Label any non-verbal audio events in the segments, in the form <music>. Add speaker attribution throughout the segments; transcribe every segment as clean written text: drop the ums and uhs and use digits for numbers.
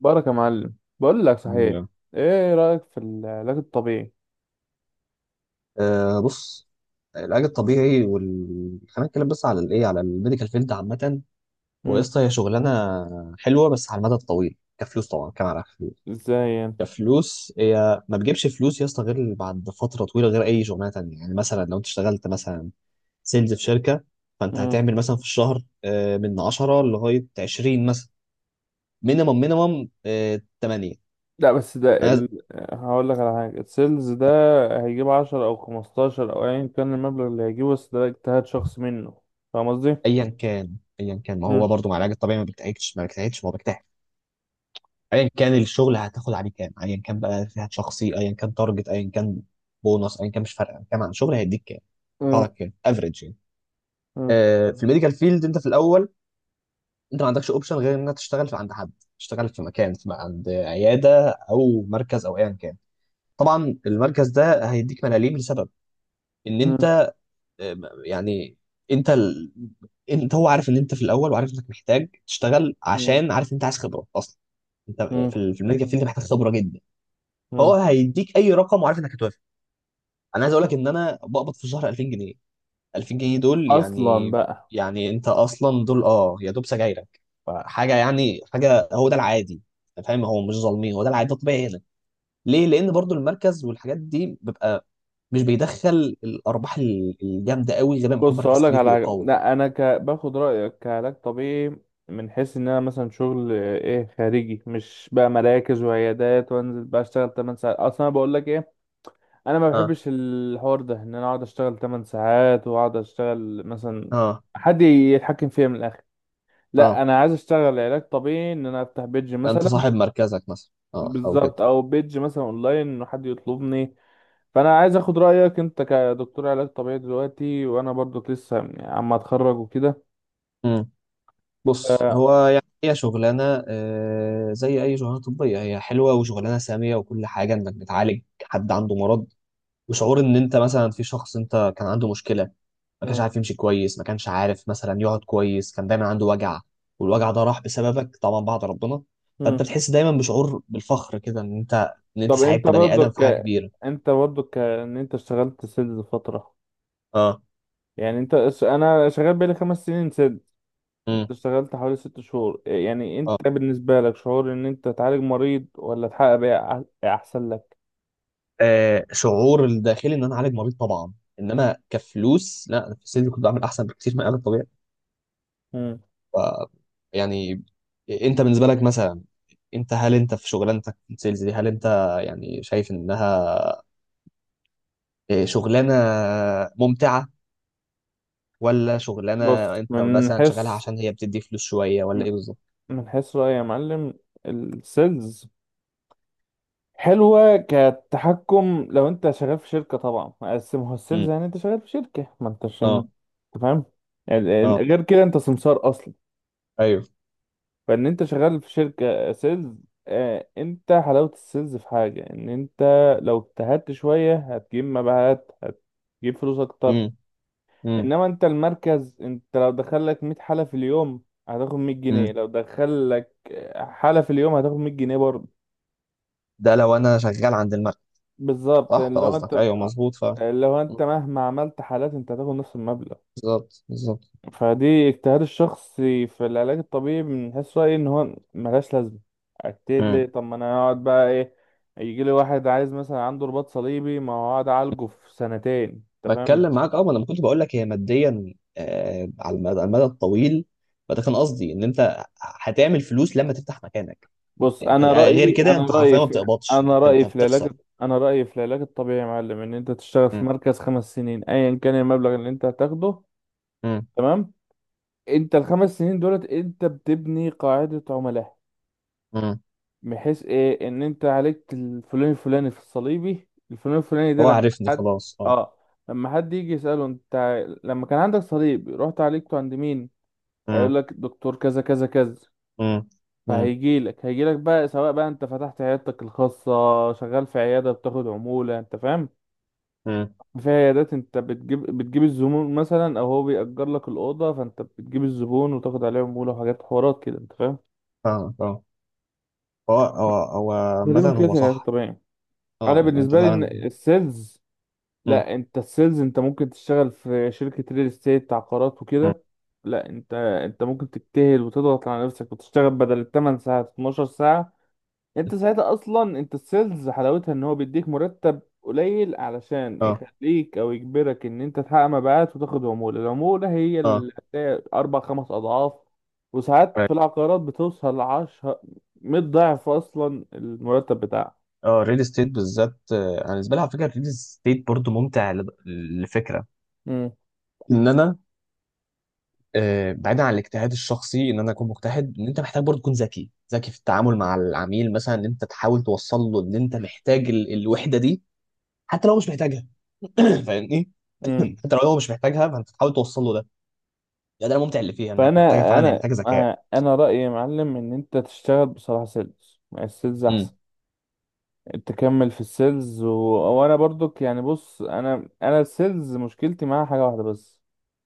Speaker 1: بارك يا معلم، بقول لك صحيح.
Speaker 2: لا.
Speaker 1: ايه رأيك في العلاج الطبيعي؟
Speaker 2: بص. العلاج الطبيعي خلينا نتكلم بس على الايه على الميديكال فيلد عامة. هو
Speaker 1: مم.
Speaker 2: قصة هي شغلانة حلوة، بس على المدى الطويل كفلوس، طبعا كمان على فلوس.
Speaker 1: ازاي يعني؟
Speaker 2: كفلوس هي ما بتجيبش فلوس يا اسطى غير بعد فترة طويلة، غير أي شغلانة تانية. يعني مثلا لو أنت اشتغلت مثلا سيلز في شركة، فأنت
Speaker 1: مم.
Speaker 2: هتعمل مثلا في الشهر، من 10 لغاية 20 مثلا، مينيمم، 8.
Speaker 1: لا بس
Speaker 2: أنا
Speaker 1: هقول لك على حاجة. السيلز ده هيجيب عشرة او خمستاشر او ايا كان المبلغ اللي هيجيبه، بس ده اجتهاد شخص منه. فاهم قصدي؟
Speaker 2: أيا كان، أيا كان، ما
Speaker 1: مم.
Speaker 2: هو برضه مع العلاج الطبيعي ما بيجتهدش، ما بيجتهدش، هو بيجتهد. ايا كان الشغل، هتاخد عليه كام؟ ايا كان بقى فئات شخصي، ايا كان تارجت، ايا كان بونص، ايا كان، مش فارقه كام. عن شغل هيديك كام، يطلع
Speaker 1: مم.
Speaker 2: لك كام افريج يعني.
Speaker 1: مم.
Speaker 2: في الميديكال فيلد، انت في الاول انت ما عندكش اوبشن غير انك تشتغل في عند حد، تشتغل في مكان، في عند عياده او مركز او ايا كان. طبعا المركز ده هيديك ملاليم لسبب ان
Speaker 1: مم.
Speaker 2: انت آه، يعني انت ال... انت، هو عارف ان انت في الاول، وعارف انك محتاج تشتغل،
Speaker 1: مم.
Speaker 2: عشان عارف ان انت عايز خبره اصلا. انت
Speaker 1: مم.
Speaker 2: في الميديكال فيلد محتاج خبره جدا. فهو
Speaker 1: مم.
Speaker 2: هيديك اي رقم وعارف انك هتوافق. انا عايز اقول لك ان انا بقبض في الشهر 2000 جنيه. 2000 جنيه دول
Speaker 1: اصلا
Speaker 2: يعني،
Speaker 1: بقى.
Speaker 2: يعني انت اصلا دول يا دوب سجايرك. فحاجه، يعني حاجه، هو ده العادي. أنت فاهم، هو مش ظالمين، هو ده العادي، ده الطبيعي هنا. ليه؟ لان برضو المركز والحاجات دي بيبقى مش بيدخل الارباح الجامده قوي غير لما يكون
Speaker 1: بص هقول
Speaker 2: مركز
Speaker 1: لك
Speaker 2: كبير
Speaker 1: على حاجه.
Speaker 2: وقوي يعني.
Speaker 1: لا باخد رايك كعلاج طبيعي، من حيث ان انا مثلا شغل ايه خارجي، مش بقى مراكز وعيادات وانزل بقى اشتغل 8 ساعات. اصلا انا بقول لك ايه، انا ما
Speaker 2: اه،
Speaker 1: بحبش الحوار ده، ان انا اقعد اشتغل 8 ساعات واقعد اشتغل مثلا
Speaker 2: اه،
Speaker 1: حد يتحكم فيا من الاخر. لا
Speaker 2: اه،
Speaker 1: انا عايز اشتغل علاج طبيعي، ان انا افتح بيدج
Speaker 2: انت
Speaker 1: مثلا.
Speaker 2: صاحب مركزك مثلا، اه او كده.
Speaker 1: بالظبط او بيدج مثلا اونلاين ان حد يطلبني. فانا عايز اخد رايك انت كدكتور علاج طبيعي دلوقتي، وانا برضك لسه يعني عم اتخرج وكده.
Speaker 2: بص،
Speaker 1: آه،
Speaker 2: هو يعني هي شغلانة، زي أي شغلانة طبية، هي حلوة وشغلانة سامية وكل حاجة، إنك بتعالج حد عنده مرض، وشعور إن أنت مثلا في شخص أنت كان عنده مشكلة، ما كانش
Speaker 1: مم،
Speaker 2: عارف يمشي كويس، ما كانش عارف مثلا يقعد كويس، كان دايما عنده وجع، والوجع ده راح بسببك طبعا بعد ربنا، فأنت
Speaker 1: مم.
Speaker 2: بتحس دايما بشعور بالفخر كده، إن أنت إن أنت
Speaker 1: طب
Speaker 2: ساعدت بني آدم في حاجة كبيرة.
Speaker 1: ان انت اشتغلت سيلز فترة،
Speaker 2: اه.
Speaker 1: يعني انا شغال بقالي 5 سنين سيلز،
Speaker 2: امم.
Speaker 1: انت اشتغلت حوالي 6 شهور. يعني
Speaker 2: اه.
Speaker 1: انت بالنسبة لك شعور ان انت تعالج مريض ولا تحقق بيع احسن لك؟
Speaker 2: شعور الداخلي إن أنا أعالج مريض طبعا، إنما كفلوس لا، أنا في السن كنت بعمل أحسن بكتير من العلاج الطبيعي.
Speaker 1: مم.
Speaker 2: ف- يعني انت بالنسبه لك مثلا، انت هل انت في شغلانتك في السيلز دي، هل انت يعني شايف انها شغلانه ممتعه، ولا شغلانه
Speaker 1: بص
Speaker 2: انت مثلا شغالها عشان هي بتدي فلوس شويه، ولا ايه بالظبط؟
Speaker 1: من حيث رأيي يا معلم، السيلز حلوة كتحكم لو انت شغال في شركة طبعا، بس ما هو السيلز
Speaker 2: امم.
Speaker 1: يعني انت شغال في شركة ما انتش ما-
Speaker 2: اه.
Speaker 1: انت فاهم. يعني
Speaker 2: اه.
Speaker 1: غير كده انت سمسار اصلا.
Speaker 2: ايوه.
Speaker 1: فان انت شغال في شركة سيلز، اه انت حلاوة السيلز في حاجة، ان انت لو اجتهدت شوية هتجيب مبيعات، هتجيب فلوس اكتر.
Speaker 2: امم. امم.
Speaker 1: انما انت المركز، انت لو دخلك 100 حالة في اليوم هتاخد 100 جنيه،
Speaker 2: امم.
Speaker 1: لو دخلك حالة في اليوم هتاخد 100 جنيه برضه.
Speaker 2: ده لو انا شغال عند المكتب.
Speaker 1: بالظبط،
Speaker 2: صح، ده قصدك، ايوه، مظبوط فعلا.
Speaker 1: اللي هو انت
Speaker 2: مم.
Speaker 1: مهما عملت حالات انت هتاخد نفس المبلغ.
Speaker 2: بالظبط، بالظبط.
Speaker 1: فدي اجتهاد الشخصي. في العلاج الطبيعي بنحس رأيي ان هو ملهاش لازمة، اجتهد ليه؟
Speaker 2: مم.
Speaker 1: طب ما انا اقعد بقى ايه، يجي لي واحد عايز مثلا عنده رباط صليبي، ما هو اقعد اعالجه في سنتين. انت فاهم؟
Speaker 2: بتكلم معاك، اه. ما انا ما كنتش بقول لك، هي ماديا على المدى، الطويل. فده كان قصدي ان انت هتعمل فلوس لما تفتح مكانك.
Speaker 1: بص
Speaker 2: انت
Speaker 1: انا
Speaker 2: غير
Speaker 1: رأيي
Speaker 2: كده انت حرفيا ما بتقبضش، أنت بتخسر.
Speaker 1: انا رأيي في العلاج الطبيعي يا معلم، ان انت تشتغل في
Speaker 2: مم.
Speaker 1: مركز 5 سنين ايا كان المبلغ اللي انت هتاخده.
Speaker 2: مم.
Speaker 1: تمام؟ انت الـ5 سنين دولت انت بتبني قاعدة عملاء،
Speaker 2: مم.
Speaker 1: بحيث ايه، ان انت عليك الفلاني الفلاني في الصليبي الفلاني الفلاني. ده
Speaker 2: هو
Speaker 1: لما
Speaker 2: عارفني
Speaker 1: حد،
Speaker 2: خلاص، اه.
Speaker 1: اه، لما حد يجي يسأله، انت لما كان عندك صليب رحت عالجته عند مين؟ هيقول
Speaker 2: مم.
Speaker 1: لك دكتور كذا كذا كذا.
Speaker 2: مم. مم.
Speaker 1: فهيجي لك هيجي لك بقى، سواء بقى انت فتحت عيادتك الخاصة، شغال في عيادة بتاخد عمولة. انت فاهم؟
Speaker 2: مم.
Speaker 1: في عيادات انت بتجيب الزبون مثلا، او هو بيأجر لك الأوضة فانت بتجيب الزبون وتاخد عليه عمولة، وحاجات حوارات كده. انت فاهم؟
Speaker 2: فاهمك، اه. هو هو هو
Speaker 1: دي
Speaker 2: عامة
Speaker 1: مشكلة
Speaker 2: هو
Speaker 1: العلاج
Speaker 2: صح،
Speaker 1: الطبيعي. انا
Speaker 2: اه، يعني انت
Speaker 1: بالنسبة لي ان
Speaker 2: فعلا.
Speaker 1: السيلز،
Speaker 2: مم.
Speaker 1: لا انت السيلز انت ممكن تشتغل في شركة ريل استيت، عقارات
Speaker 2: مم.
Speaker 1: وكده. لا انت ممكن تجتهد وتضغط على نفسك وتشتغل بدل التمن ساعات 12 ساعة. انت ساعتها اصلا، انت السيلز حلاوتها ان هو بيديك مرتب قليل علشان
Speaker 2: اه.
Speaker 1: يخليك او يجبرك ان انت تحقق مبيعات وتاخد عمولة. العمولة هي
Speaker 2: اه.
Speaker 1: اللي هتلاقي اربع خمس اضعاف، وساعات
Speaker 2: Right.
Speaker 1: في العقارات بتوصل لعشرة، 100 ضعف اصلا المرتب بتاعك.
Speaker 2: اه، الريل استيت بالذات، انا بالنسبه لي على فكره الريل استيت برضو ممتع لفكره ان انا، بعيدا عن الاجتهاد الشخصي ان انا اكون مجتهد، ان انت محتاج برضه تكون ذكي، ذكي في التعامل مع العميل. مثلا ان انت تحاول توصل له ان انت محتاج الوحده دي، حتى لو هو مش محتاجها. <clears throat> فاهمني؟
Speaker 1: مم.
Speaker 2: حتى لو هو مش محتاجها، فانت تحاول توصل له ده الممتع اللي فيها، انك
Speaker 1: فانا
Speaker 2: محتاجه فعلا، هي
Speaker 1: انا
Speaker 2: محتاجه ذكاء.
Speaker 1: آه، انا رايي يا معلم ان انت تشتغل بصراحه سيلز، يعني السيلز احسن.
Speaker 2: امم.
Speaker 1: تكمل وانا برضك يعني، بص انا السيلز مشكلتي معاها حاجه واحده بس،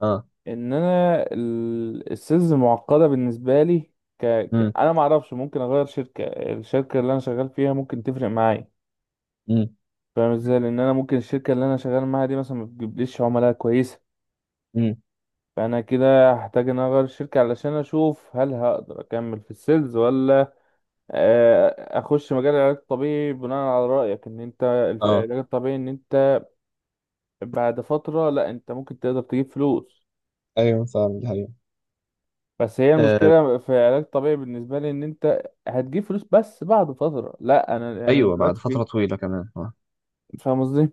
Speaker 2: اه.
Speaker 1: ان السيلز معقده بالنسبه لي.
Speaker 2: امم.
Speaker 1: انا ما اعرفش، ممكن اغير شركه، الشركه اللي انا شغال فيها ممكن تفرق معايا.
Speaker 2: امم.
Speaker 1: فاهم ازاي؟ لان انا ممكن الشركه اللي انا شغال معاها دي مثلا ما بتجيبليش عملاء كويسه.
Speaker 2: امم.
Speaker 1: فانا كده هحتاج ان أنا اغير الشركه علشان اشوف هل هقدر اكمل في السيلز، ولا اخش مجال العلاج الطبيعي بناء على رايك، ان انت
Speaker 2: اه.
Speaker 1: العلاج الطبيعي ان انت بعد فتره لا انت ممكن تقدر تجيب فلوس.
Speaker 2: ايوه، فعلا دي حقيقة.
Speaker 1: بس هي
Speaker 2: آه،
Speaker 1: المشكله في العلاج الطبيعي بالنسبه لي ان انت هتجيب فلوس بس بعد فتره، لا انا أنا
Speaker 2: ايوه، بعد
Speaker 1: دلوقتي
Speaker 2: فتره طويله كمان، اه.
Speaker 1: في، فاهم قصدي؟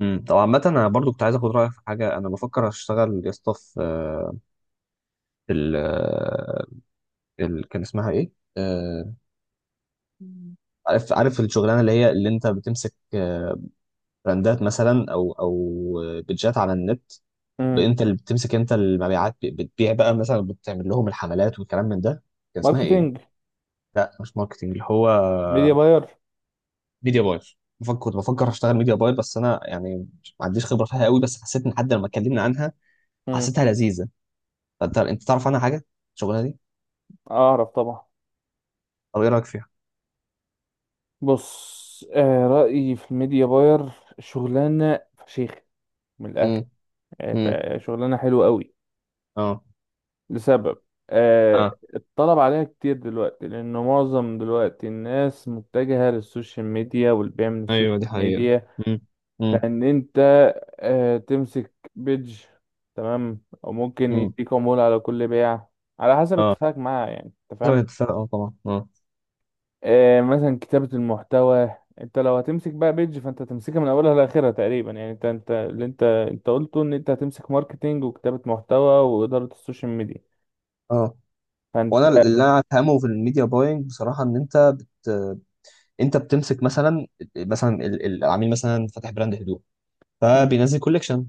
Speaker 2: طب عامة، انا برضو كنت عايز اخد رايك في حاجه. انا بفكر اشتغل يا اسطى في في ال آه، كان اسمها ايه؟ آه،
Speaker 1: مم.
Speaker 2: عارف، الشغلانه اللي هي، اللي انت بتمسك براندات مثلا او او، بيدجات على النت.
Speaker 1: مم.
Speaker 2: انت اللي بتمسك انت المبيعات، بتبيع بقى مثلا، بتعمل لهم الحملات والكلام من ده. كان اسمها ايه؟
Speaker 1: ماركتينج.
Speaker 2: لا، مش ماركتنج، اللي هو
Speaker 1: ميديا باير.
Speaker 2: ميديا باير. بفكر، كنت بفكر اشتغل ميديا باير، بس انا يعني ما عنديش خبره فيها قوي، بس حسيت، ان حد لما اتكلمنا عنها
Speaker 1: مم.
Speaker 2: حسيتها لذيذه. فانت، انت تعرف عنها حاجه الشغلانه دي؟
Speaker 1: اعرف طبعا.
Speaker 2: او ايه رايك فيها؟
Speaker 1: بص، آه رايي في الميديا باير، شغلانه فشيخ من الاخر.
Speaker 2: امم. امم.
Speaker 1: شغلانه حلوه قوي،
Speaker 2: اه.
Speaker 1: لسبب، آه
Speaker 2: اه،
Speaker 1: الطلب عليها كتير دلوقتي لأن معظم دلوقتي الناس متجهة للسوشيال ميديا والبيع من
Speaker 2: ايوه، دي
Speaker 1: السوشيال
Speaker 2: حقيقة.
Speaker 1: ميديا.
Speaker 2: مم. امم.
Speaker 1: فإن أنت آه تمسك بيج، تمام، أو ممكن
Speaker 2: امم.
Speaker 1: يديك عمولة على كل بيع، على حسب
Speaker 2: اه،
Speaker 1: اتفاقك معاه، يعني أنت
Speaker 2: حسب
Speaker 1: فاهم.
Speaker 2: الاتفاق، اه، طبعا، اه.
Speaker 1: آه مثلا كتابة المحتوى، أنت لو هتمسك بقى بيج فأنت هتمسكها من أولها لآخرها تقريبا، يعني أنت أنت قلته، إن أنت هتمسك ماركتينج وكتابة محتوى وإدارة السوشيال ميديا،
Speaker 2: اه.
Speaker 1: فأنت.
Speaker 2: وانا اللي انا افهمه في الميديا باينج بصراحه، ان انت بت... انت بتمسك مثلا، مثلا العميل مثلا فاتح براند هدوم،
Speaker 1: مم.
Speaker 2: فبينزل كوليكشن،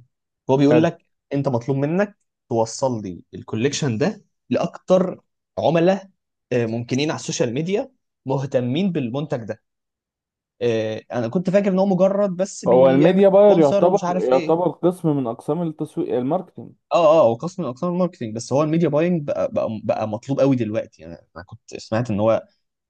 Speaker 2: هو بيقول
Speaker 1: حلو.
Speaker 2: لك انت مطلوب منك توصل لي الكوليكشن ده لاكتر عملاء، ممكنين على السوشيال ميديا، مهتمين بالمنتج ده. انا كنت فاكر ان هو مجرد بس
Speaker 1: هو
Speaker 2: بيعمل
Speaker 1: الميديا باير
Speaker 2: سبونسر ومش
Speaker 1: يعتبر،
Speaker 2: عارف ايه.
Speaker 1: قسم من اقسام التسويق، الماركتينج.
Speaker 2: اه. اه، هو قسم من اقسام الماركتينج، بس هو الميديا باينج بقى، مطلوب قوي دلوقتي. يعني انا كنت سمعت ان هو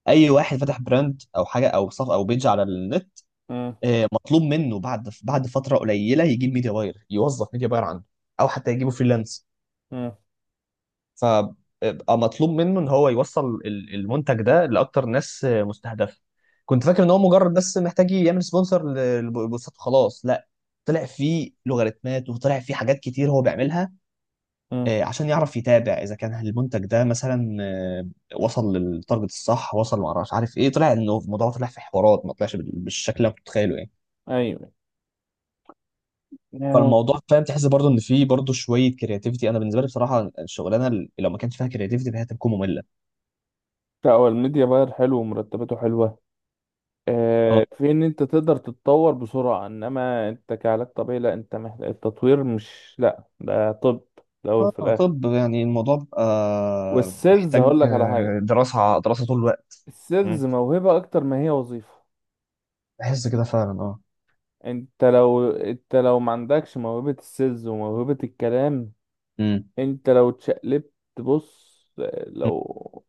Speaker 2: اي واحد فتح براند او حاجه او صف او بيج على النت،
Speaker 1: امم.
Speaker 2: مطلوب منه بعد، فتره قليله، يجيب ميديا باير، يوظف ميديا باير عنده، او حتى يجيبه فريلانس.
Speaker 1: امم.
Speaker 2: فبقى مطلوب منه ان هو يوصل المنتج ده لاكتر ناس مستهدفه. كنت فاكر ان هو مجرد بس محتاج يعمل سبونسر للبوستات وخلاص، لا، طلع فيه لوغاريتمات، وطلع فيه حاجات كتير هو بيعملها،
Speaker 1: امم.
Speaker 2: عشان يعرف يتابع اذا كان المنتج ده مثلا وصل للتارجت الصح، وصل، ما اعرفش عارف ايه. طلع انه الموضوع طلع في حوارات، ما طلعش بالشكل اللي أنا كنت متخيله يعني.
Speaker 1: ايوه. آه،
Speaker 2: فالموضوع، فاهم، تحس برضه ان في برضه شويه كرياتيفيتي. انا بالنسبه لي بصراحه، الشغلانه اللي لو ما كانش فيها كرياتيفيتي، فهي هتكون ممله.
Speaker 1: لا هو الميديا باير حلو ومرتباته حلوه.
Speaker 2: اه.
Speaker 1: آه في ان انت تقدر تتطور بسرعه، انما انت كعلاج طبيعي لا، انت محتاج التطوير مش لا ده طب. الاول في الاخر.
Speaker 2: طب يعني الموضوع بقى
Speaker 1: والسيلز
Speaker 2: محتاج
Speaker 1: هقول لك على حاجه،
Speaker 2: دراسه، دراسه طول الوقت.
Speaker 1: السيلز
Speaker 2: مم.
Speaker 1: موهبه اكتر ما هي وظيفه.
Speaker 2: بحس كده فعلا، اه.
Speaker 1: انت لو ما عندكش موهبه السيلز وموهبه الكلام،
Speaker 2: مم.
Speaker 1: انت لو اتشقلبت، بص، لو،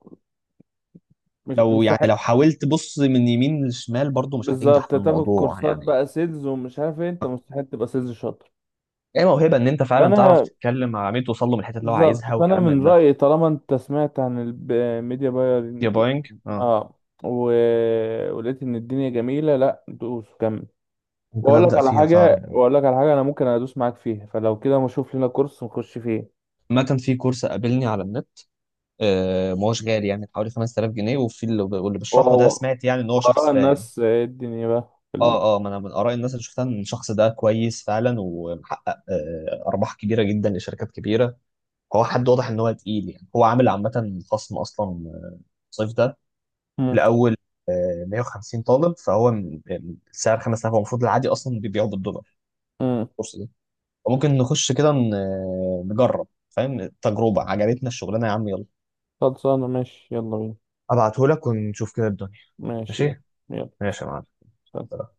Speaker 1: مش
Speaker 2: لو يعني
Speaker 1: مستحيل.
Speaker 2: لو حاولت بص من يمين لشمال برضو، مش هتنجح
Speaker 1: بالظبط،
Speaker 2: في
Speaker 1: تاخد
Speaker 2: الموضوع
Speaker 1: كورسات
Speaker 2: يعني.
Speaker 1: بقى سيلز ومش عارف ايه، انت مستحيل تبقى سيلز شاطر.
Speaker 2: ايه، موهبه، ان انت فعلا تعرف
Speaker 1: فانا
Speaker 2: تتكلم مع عميل، توصل له من الحته اللي هو
Speaker 1: بالظبط.
Speaker 2: عايزها،
Speaker 1: فانا
Speaker 2: وكلام
Speaker 1: من
Speaker 2: من ده.
Speaker 1: رأيي طالما انت سمعت عن الميديا
Speaker 2: يا
Speaker 1: بايرنج،
Speaker 2: بوينج، اه.
Speaker 1: اه، و... ولقيت ان الدنيا جميلة، لا دوس كمل.
Speaker 2: ممكن ابدا فيها فعلا.
Speaker 1: واقول لك على حاجة انا ممكن ادوس معاك فيها، فلو كده ما اشوف لنا كورس نخش فيه.
Speaker 2: عامة، في كورس قابلني على النت، آه، ما هوش غالي، يعني حوالي 5000 جنيه. واللي بيشرحه ده،
Speaker 1: وهو
Speaker 2: سمعت يعني ان هو شخص
Speaker 1: وراء
Speaker 2: فاهم.
Speaker 1: الناس ايه الدنيا بقى
Speaker 2: اه. اه، ما انا من اراء الناس اللي شفتها، ان الشخص ده كويس فعلا، ومحقق آه ارباح كبيره جدا لشركات كبيره. هو حد واضح ان هو تقيل، يعني هو عامل عامه خصم اصلا، الصيف ده،
Speaker 1: مم.
Speaker 2: لاول 150 طالب. فهو سعر 5000، هو المفروض العادي اصلا بيبيعه بالدولار
Speaker 1: مم.
Speaker 2: الكورس. وممكن نخش كده، نجرب، فاهم، تجربة، عجبتنا الشغلانه يا عم، يلا.
Speaker 1: خلصانة، ماشي يلا بينا.
Speaker 2: ابعتهولك ونشوف كده الدنيا.
Speaker 1: ماشي يلا.
Speaker 2: ماشي.
Speaker 1: يلا.
Speaker 2: ماشي يا معلم.